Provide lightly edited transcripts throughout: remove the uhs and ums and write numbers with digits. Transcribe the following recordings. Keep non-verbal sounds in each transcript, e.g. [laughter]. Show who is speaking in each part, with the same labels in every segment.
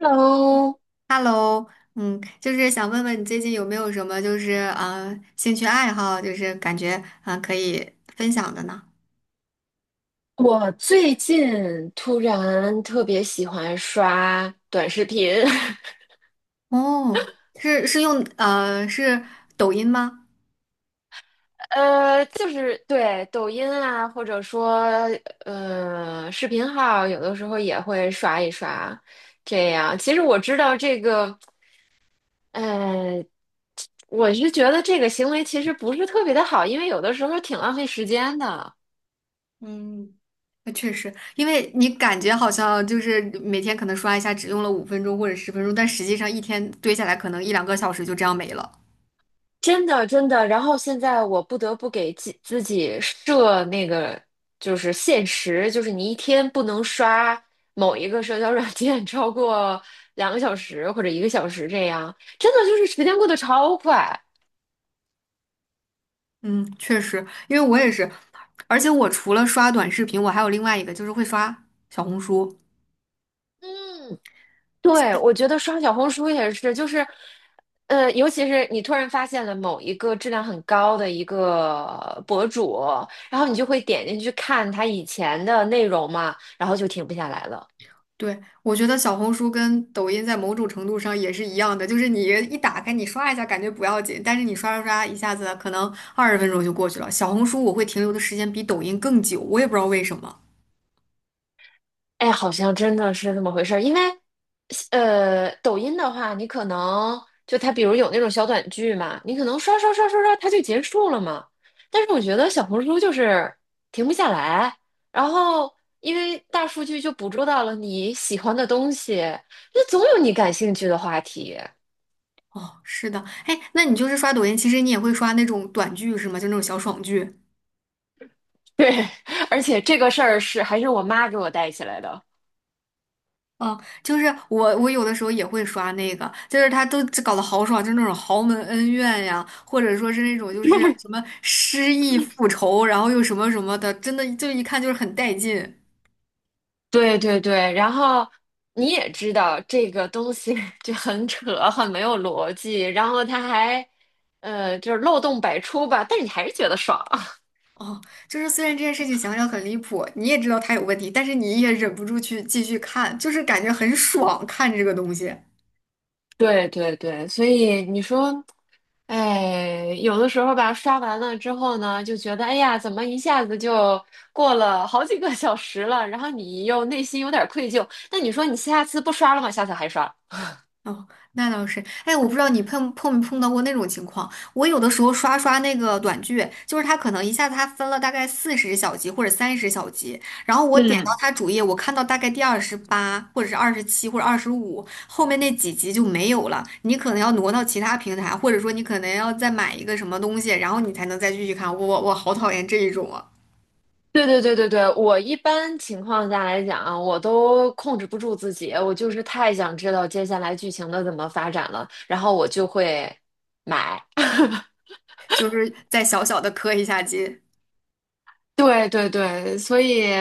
Speaker 1: Hello，
Speaker 2: Hello，嗯，就是想问问你最近有没有什么就是兴趣爱好，就是感觉啊可以分享的呢？
Speaker 1: 我最近突然特别喜欢刷短视频，
Speaker 2: 哦，是是用呃是抖音吗？
Speaker 1: [laughs] 就是对抖音啊，或者说视频号，有的时候也会刷一刷。这样，其实我知道这个，呃，我是觉得这个行为其实不是特别的好，因为有的时候挺浪费时间的。
Speaker 2: 嗯，那确实，因为你感觉好像就是每天可能刷一下，只用了5分钟或者十分钟，但实际上一天堆下来可能一两个小时就这样没了。
Speaker 1: 真的真的。然后现在我不得不给自己设那个就是限时，就是你一天不能刷某一个社交软件 [laughs] 超过2个小时或者1个小时这样。真的就是时间过得超快。
Speaker 2: 嗯，确实，因为我也是，而且我除了刷短视频，我还有另外一个就是会刷小红书。
Speaker 1: 对，我觉得刷小红书也是，就是，尤其是你突然发现了某一个质量很高的一个博主，然后你就会点进去看他以前的内容嘛，然后就停不下来了。
Speaker 2: 对，我觉得小红书跟抖音在某种程度上也是一样的，就是你一打开，你刷一下感觉不要紧，但是你刷刷刷，一下子可能20分钟就过去了。小红书我会停留的时间比抖音更久，我也不知道为什么。
Speaker 1: 哎，好像真的是这么回事儿。因为抖音的话，你可能就它，比如有那种小短剧嘛，你可能刷刷刷刷刷，它就结束了嘛。但是我觉得小红书就是停不下来，然后因为大数据就捕捉到了你喜欢的东西，那总有你感兴趣的话题。
Speaker 2: 哦，是的，哎，那你就是刷抖音，其实你也会刷那种短剧是吗？就那种小爽剧。
Speaker 1: 对，[laughs] 而且这个事儿是还是我妈给我带起来的。
Speaker 2: 啊，就是我有的时候也会刷那个，就是他都搞得好爽，就是那种豪门恩怨呀，或者说是那种就是什
Speaker 1: [laughs]
Speaker 2: 么失忆复仇，然后又什么什么的，真的就一看就是很带劲。
Speaker 1: 对对对，然后你也知道这个东西 [laughs] 就很扯，很没有逻辑，然后它还就是漏洞百出吧，但是你还是觉得爽。[laughs]
Speaker 2: 哦，就是虽然这件事情想想很离谱，你也知道他有问题，但是你也忍不住去继续看，就是感觉很爽看这个东西。
Speaker 1: 对对对，所以你说，哎，有的时候吧，刷完了之后呢，就觉得哎呀，怎么一下子就过了好几个小时了，然后你又内心有点愧疚，那你说你下次不刷了吗？下次还刷？
Speaker 2: 哦，那倒是。哎，我不知道你碰没碰到过那种情况。我有的时候刷刷那个短剧，就是他可能一下子他分了大概40小集或者30小集，然后我点到
Speaker 1: 嗯。
Speaker 2: 他主页，我看到大概第28或者是27或者25，后面那几集就没有了。你可能要挪到其他平台，或者说你可能要再买一个什么东西，然后你才能再继续看。我好讨厌这一种啊，
Speaker 1: 对对对对对，我一般情况下来讲啊，我都控制不住自己，我就是太想知道接下来剧情的怎么发展了，然后我就会买。
Speaker 2: 就是再小小的磕一下机。
Speaker 1: 对对对，所以，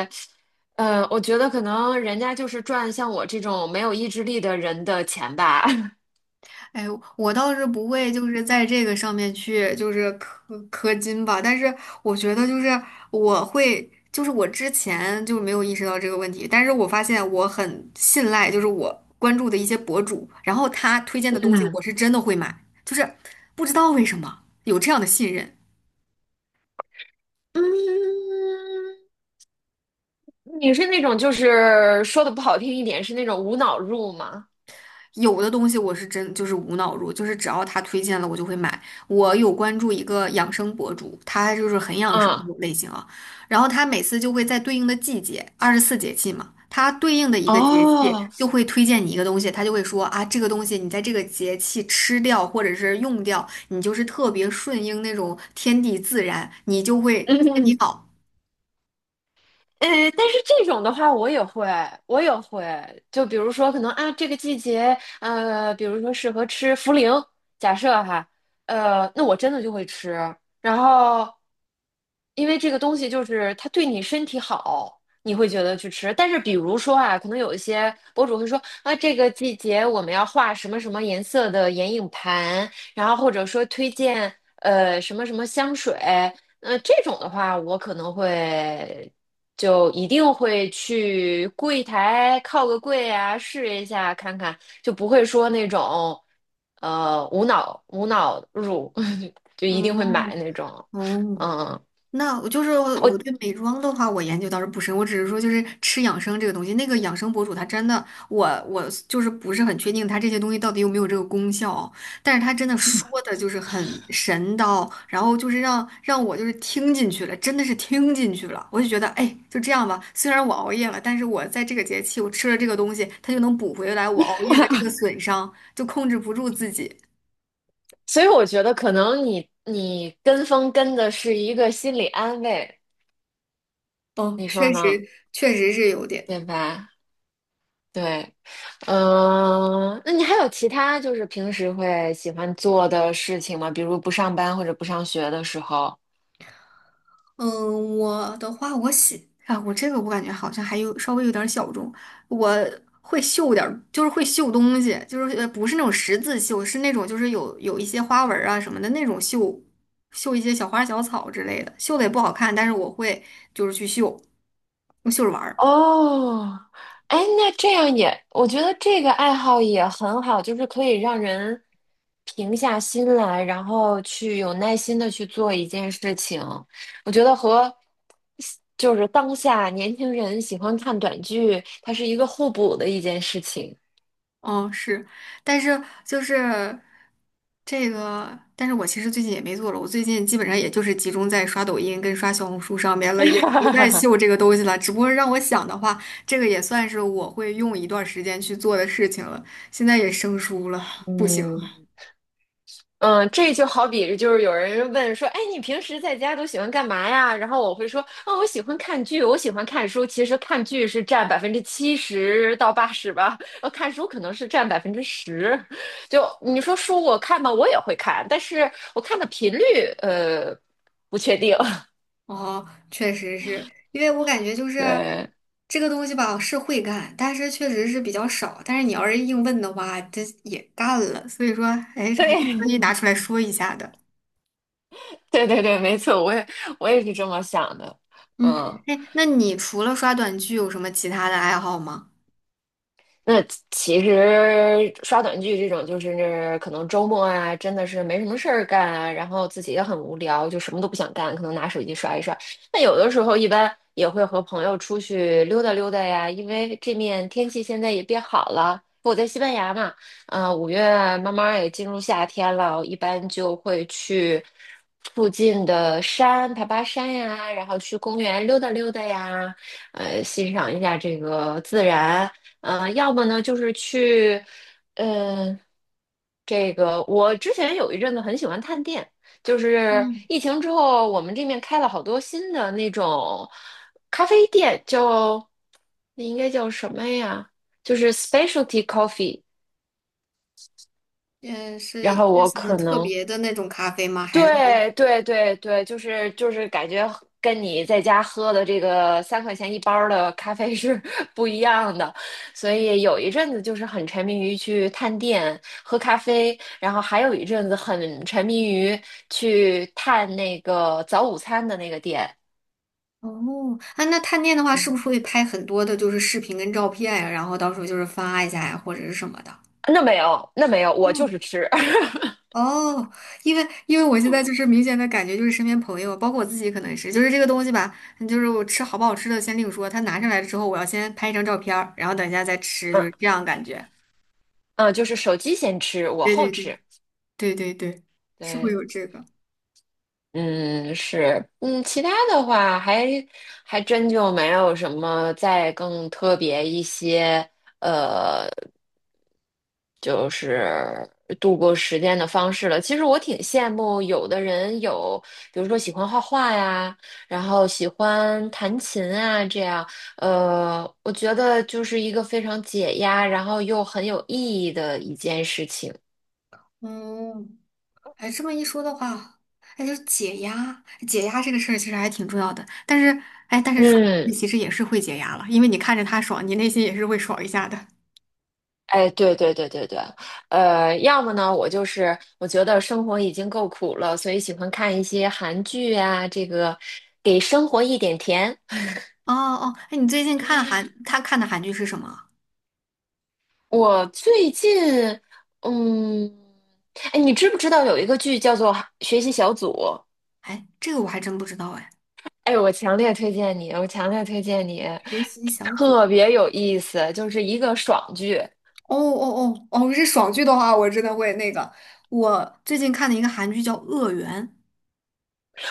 Speaker 1: 我觉得可能人家就是赚像我这种没有意志力的人的钱吧。[laughs]
Speaker 2: 哎，我倒是不会，就是在这个上面去，就是氪金吧。但是我觉得，就是我会，就是我之前就没有意识到这个问题，但是我发现我很信赖，就是我关注的一些博主，然后他推荐的东西，
Speaker 1: 嗯
Speaker 2: 我是真的会买，就是不知道为什么有这样的信任。
Speaker 1: 嗯，你是那种就是说的不好听一点，是那种无脑入吗？
Speaker 2: 有的东西我是真就是无脑入，就是只要他推荐了我就会买。我有关注一个养生博主，他就是很养生那
Speaker 1: 嗯，
Speaker 2: 种类型啊，然后他每次就会在对应的季节，二十四节气嘛，他对应的一个节气
Speaker 1: 哦，
Speaker 2: 就会推荐你一个东西，他就会说啊，这个东西你在这个节气吃掉或者是用掉，你就是特别顺应那种天地自然，你就会身体
Speaker 1: [laughs]
Speaker 2: 好。
Speaker 1: 呃，但是这种的话，我也会，我也会。就比如说，可能啊，这个季节，比如说适合吃茯苓，假设哈，那我真的就会吃。然后，因为这个东西就是它对你身体好，你会觉得去吃。但是，比如说啊，可能有一些博主会说啊，这个季节我们要画什么什么颜色的眼影盘，然后或者说推荐什么什么香水。这种的话，我可能会。就一定会去柜台靠个柜啊，试一下看看，就不会说那种无脑入，[laughs] 就一定会
Speaker 2: 嗯，
Speaker 1: 买那种。
Speaker 2: 哦，
Speaker 1: 嗯，
Speaker 2: 那我就是我对
Speaker 1: 我
Speaker 2: 美妆的话，我研究倒是不深，我只是说就是吃养生这个东西，那个养生博主他真的，我就是不是很确定他这些东西到底有没有这个功效，但是他真的说的就是很神叨，然后就是让我就是听进去了，真的是听进去了，我就觉得哎，就这样吧，虽然我熬夜了，但是我在这个节气我吃了这个东西，它就能补回来我熬夜的这个损伤，就控制不住自己。
Speaker 1: 所以我觉得可能你跟风跟的是一个心理安慰，
Speaker 2: 哦，
Speaker 1: 你说
Speaker 2: 确
Speaker 1: 呢？
Speaker 2: 实确实是有点。
Speaker 1: 对吧？对，嗯，那你还有其他就是平时会喜欢做的事情吗？比如不上班或者不上学的时候。
Speaker 2: 嗯，我的话，我喜啊，我这个我感觉好像还有稍微有点儿小众。我会绣点儿就是会绣东西，就是不是那种十字绣，是那种就是有一些花纹儿啊什么的那种绣，绣一些小花小草之类的，绣的也不好看，但是我会就是去绣，我绣着玩儿。
Speaker 1: 哦，哎，那这样也，我觉得这个爱好也很好，就是可以让人平下心来，然后去有耐心的去做一件事情。我觉得和就是当下年轻人喜欢看短剧，它是一个互补的一件事情。
Speaker 2: 哦，是，但是就是这个，但是我其实最近也没做了，我最近基本上也就是集中在刷抖音跟刷小红书上面了，也不再
Speaker 1: [laughs]
Speaker 2: 秀这个东西了。只不过让我想的话，这个也算是我会用一段时间去做的事情了。现在也生疏了，不行。
Speaker 1: 嗯。嗯，这就好比就是有人问说，哎，你平时在家都喜欢干嘛呀？然后我会说，啊、我喜欢看剧，我喜欢看书。其实看剧是占70%到80%吧，看书可能是占10%。就你说书我看吧，我也会看，但是我看的频率，呃，不确定。[laughs]
Speaker 2: 哦，确实是，因为我感觉就是
Speaker 1: 对，
Speaker 2: 这个东西吧，是会干，但是确实是比较少。但是你要是硬问的话，这也干了，所以说，哎，这还是可
Speaker 1: 对，
Speaker 2: 以
Speaker 1: [laughs]
Speaker 2: 拿出来说一下的。
Speaker 1: 对对对，没错，我也是这么想的。
Speaker 2: 嗯，
Speaker 1: 嗯。
Speaker 2: 哎，那你除了刷短剧有什么其他的爱好吗？
Speaker 1: 那其实刷短剧这种，就是可能周末啊，真的是没什么事儿干啊，然后自己也很无聊，就什么都不想干，可能拿手机刷一刷。那有的时候一般也会和朋友出去溜达溜达呀，因为这面天气现在也变好了。我在西班牙嘛，五月慢慢也进入夏天了，一般就会去附近的山爬爬山呀，然后去公园溜达溜达呀，欣赏一下这个自然。要么呢就是去，呃，这个我之前有一阵子很喜欢探店，就是
Speaker 2: 嗯，
Speaker 1: 疫情之后，我们这面开了好多新的那种咖啡店，那应该叫什么呀？就是 specialty coffee。
Speaker 2: 也是
Speaker 1: 然后
Speaker 2: 是
Speaker 1: 我
Speaker 2: 什么
Speaker 1: 可
Speaker 2: 特
Speaker 1: 能
Speaker 2: 别的那种咖啡吗？还是说
Speaker 1: 对对对对，就是感觉跟你在家喝的这个3块钱一包的咖啡是 [laughs] 不一样的，所以有一阵子就是很沉迷于去探店喝咖啡，然后还有一阵子很沉迷于去探那个早午餐的那个店。
Speaker 2: 哦，啊，那探店的话，是不
Speaker 1: 嗯，
Speaker 2: 是会拍很多的就是视频跟照片呀？然后到时候就是发一下呀，或者是什么的？
Speaker 1: 那没有，那没有，我就
Speaker 2: 哦，
Speaker 1: 是吃，[laughs]
Speaker 2: 哦，因为我现在就是明显的感觉，就是身边朋友，包括我自己，可能是就是这个东西吧，嗯，就是我吃好不好吃的先另说，他拿上来之后，我要先拍一张照片儿然后等一下再吃，就
Speaker 1: 嗯
Speaker 2: 是这样感觉。
Speaker 1: 嗯，就是手机先吃，我
Speaker 2: 对
Speaker 1: 后
Speaker 2: 对对
Speaker 1: 吃。
Speaker 2: 对对对，是会
Speaker 1: 对。
Speaker 2: 有这个。
Speaker 1: 嗯，是，嗯，其他的话还真就没有什么再更特别一些，呃，就是度过时间的方式了。其实我挺羡慕有的人有，比如说喜欢画画呀，然后喜欢弹琴啊，这样，我觉得就是一个非常解压，然后又很有意义的一件事情。
Speaker 2: 嗯，哎，这么一说的话，哎，就是解压，解压这个事儿其实还挺重要的。但是，哎，但是说你
Speaker 1: 嗯。
Speaker 2: 其实也是会解压了，因为你看着他爽，你内心也是会爽一下的。
Speaker 1: 哎，对对对对对，要么呢，我就是我觉得生活已经够苦了，所以喜欢看一些韩剧啊，这个给生活一点甜。
Speaker 2: 哦哦，哎，你最近他看的韩剧是什么啊？
Speaker 1: 我最近，嗯，哎，你知不知道有一个剧叫做《学习小组》？
Speaker 2: 哎，这个我还真不知道哎。
Speaker 1: 哎，我强烈推荐你，我强烈推荐你，
Speaker 2: 学习小组。
Speaker 1: 特别有意思，就是一个爽剧。
Speaker 2: 哦哦哦哦，是爽剧的话，我真的会那个。我最近看的一个韩剧叫《恶缘》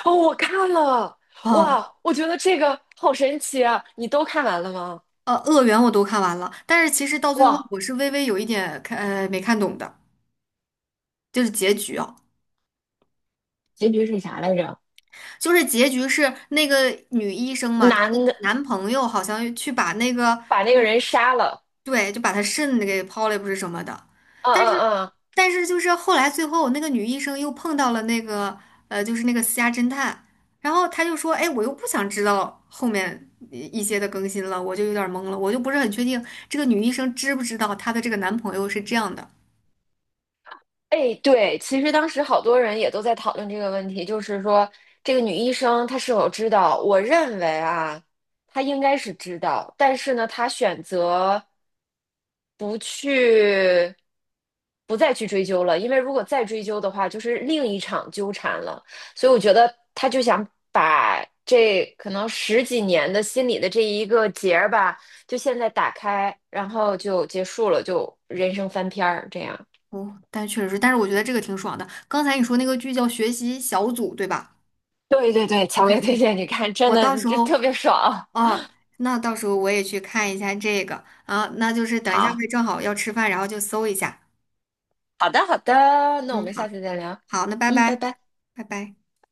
Speaker 1: 哦，我看了，
Speaker 2: 啊，
Speaker 1: 哇，我觉得这个好神奇啊！你都看完了吗？
Speaker 2: 《恶缘》我都看完了，但是其实到最后
Speaker 1: 哇，
Speaker 2: 我是微微有一点看，没看懂的，就是结局啊。
Speaker 1: 结局是啥来着？
Speaker 2: 就是结局是那个女医生嘛，她
Speaker 1: 男
Speaker 2: 的
Speaker 1: 的
Speaker 2: 男朋友好像去把那个，
Speaker 1: 把那个人杀了。
Speaker 2: 对，就把她肾给抛了，不是什么的。
Speaker 1: 嗯
Speaker 2: 但是，
Speaker 1: 嗯嗯。
Speaker 2: 就是后来最后那个女医生又碰到了那个，就是那个私家侦探，然后她就说，哎，我又不想知道后面一些的更新了，我就有点懵了，我就不是很确定这个女医生知不知道她的这个男朋友是这样的。
Speaker 1: 哎，对，其实当时好多人也都在讨论这个问题，就是说这个女医生她是否知道？我认为啊，她应该是知道，但是呢，她选择不去，不再去追究了，因为如果再追究的话，就是另一场纠缠了。所以我觉得她就想把这可能十几年的心里的这一个结儿吧，就现在打开，然后就结束了，就人生翻篇儿这样。
Speaker 2: 哦，但确实是，但是我觉得这个挺爽的。刚才你说那个剧叫《学习小组》，对吧
Speaker 1: [laughs] 对对对，强
Speaker 2: ？OK
Speaker 1: 烈推
Speaker 2: OK，
Speaker 1: 荐你看，真
Speaker 2: 我到
Speaker 1: 的，
Speaker 2: 时
Speaker 1: 这特
Speaker 2: 候。
Speaker 1: 别爽。
Speaker 2: 哦，那到时候我也去看一下这个啊，那就是等一下
Speaker 1: 好，
Speaker 2: 会正好要吃饭，然后就搜一下。
Speaker 1: 好的，好的，那我
Speaker 2: 嗯，
Speaker 1: 们下
Speaker 2: 好，
Speaker 1: 次再聊。
Speaker 2: 好，那拜
Speaker 1: 嗯，拜
Speaker 2: 拜，
Speaker 1: 拜。
Speaker 2: 拜拜。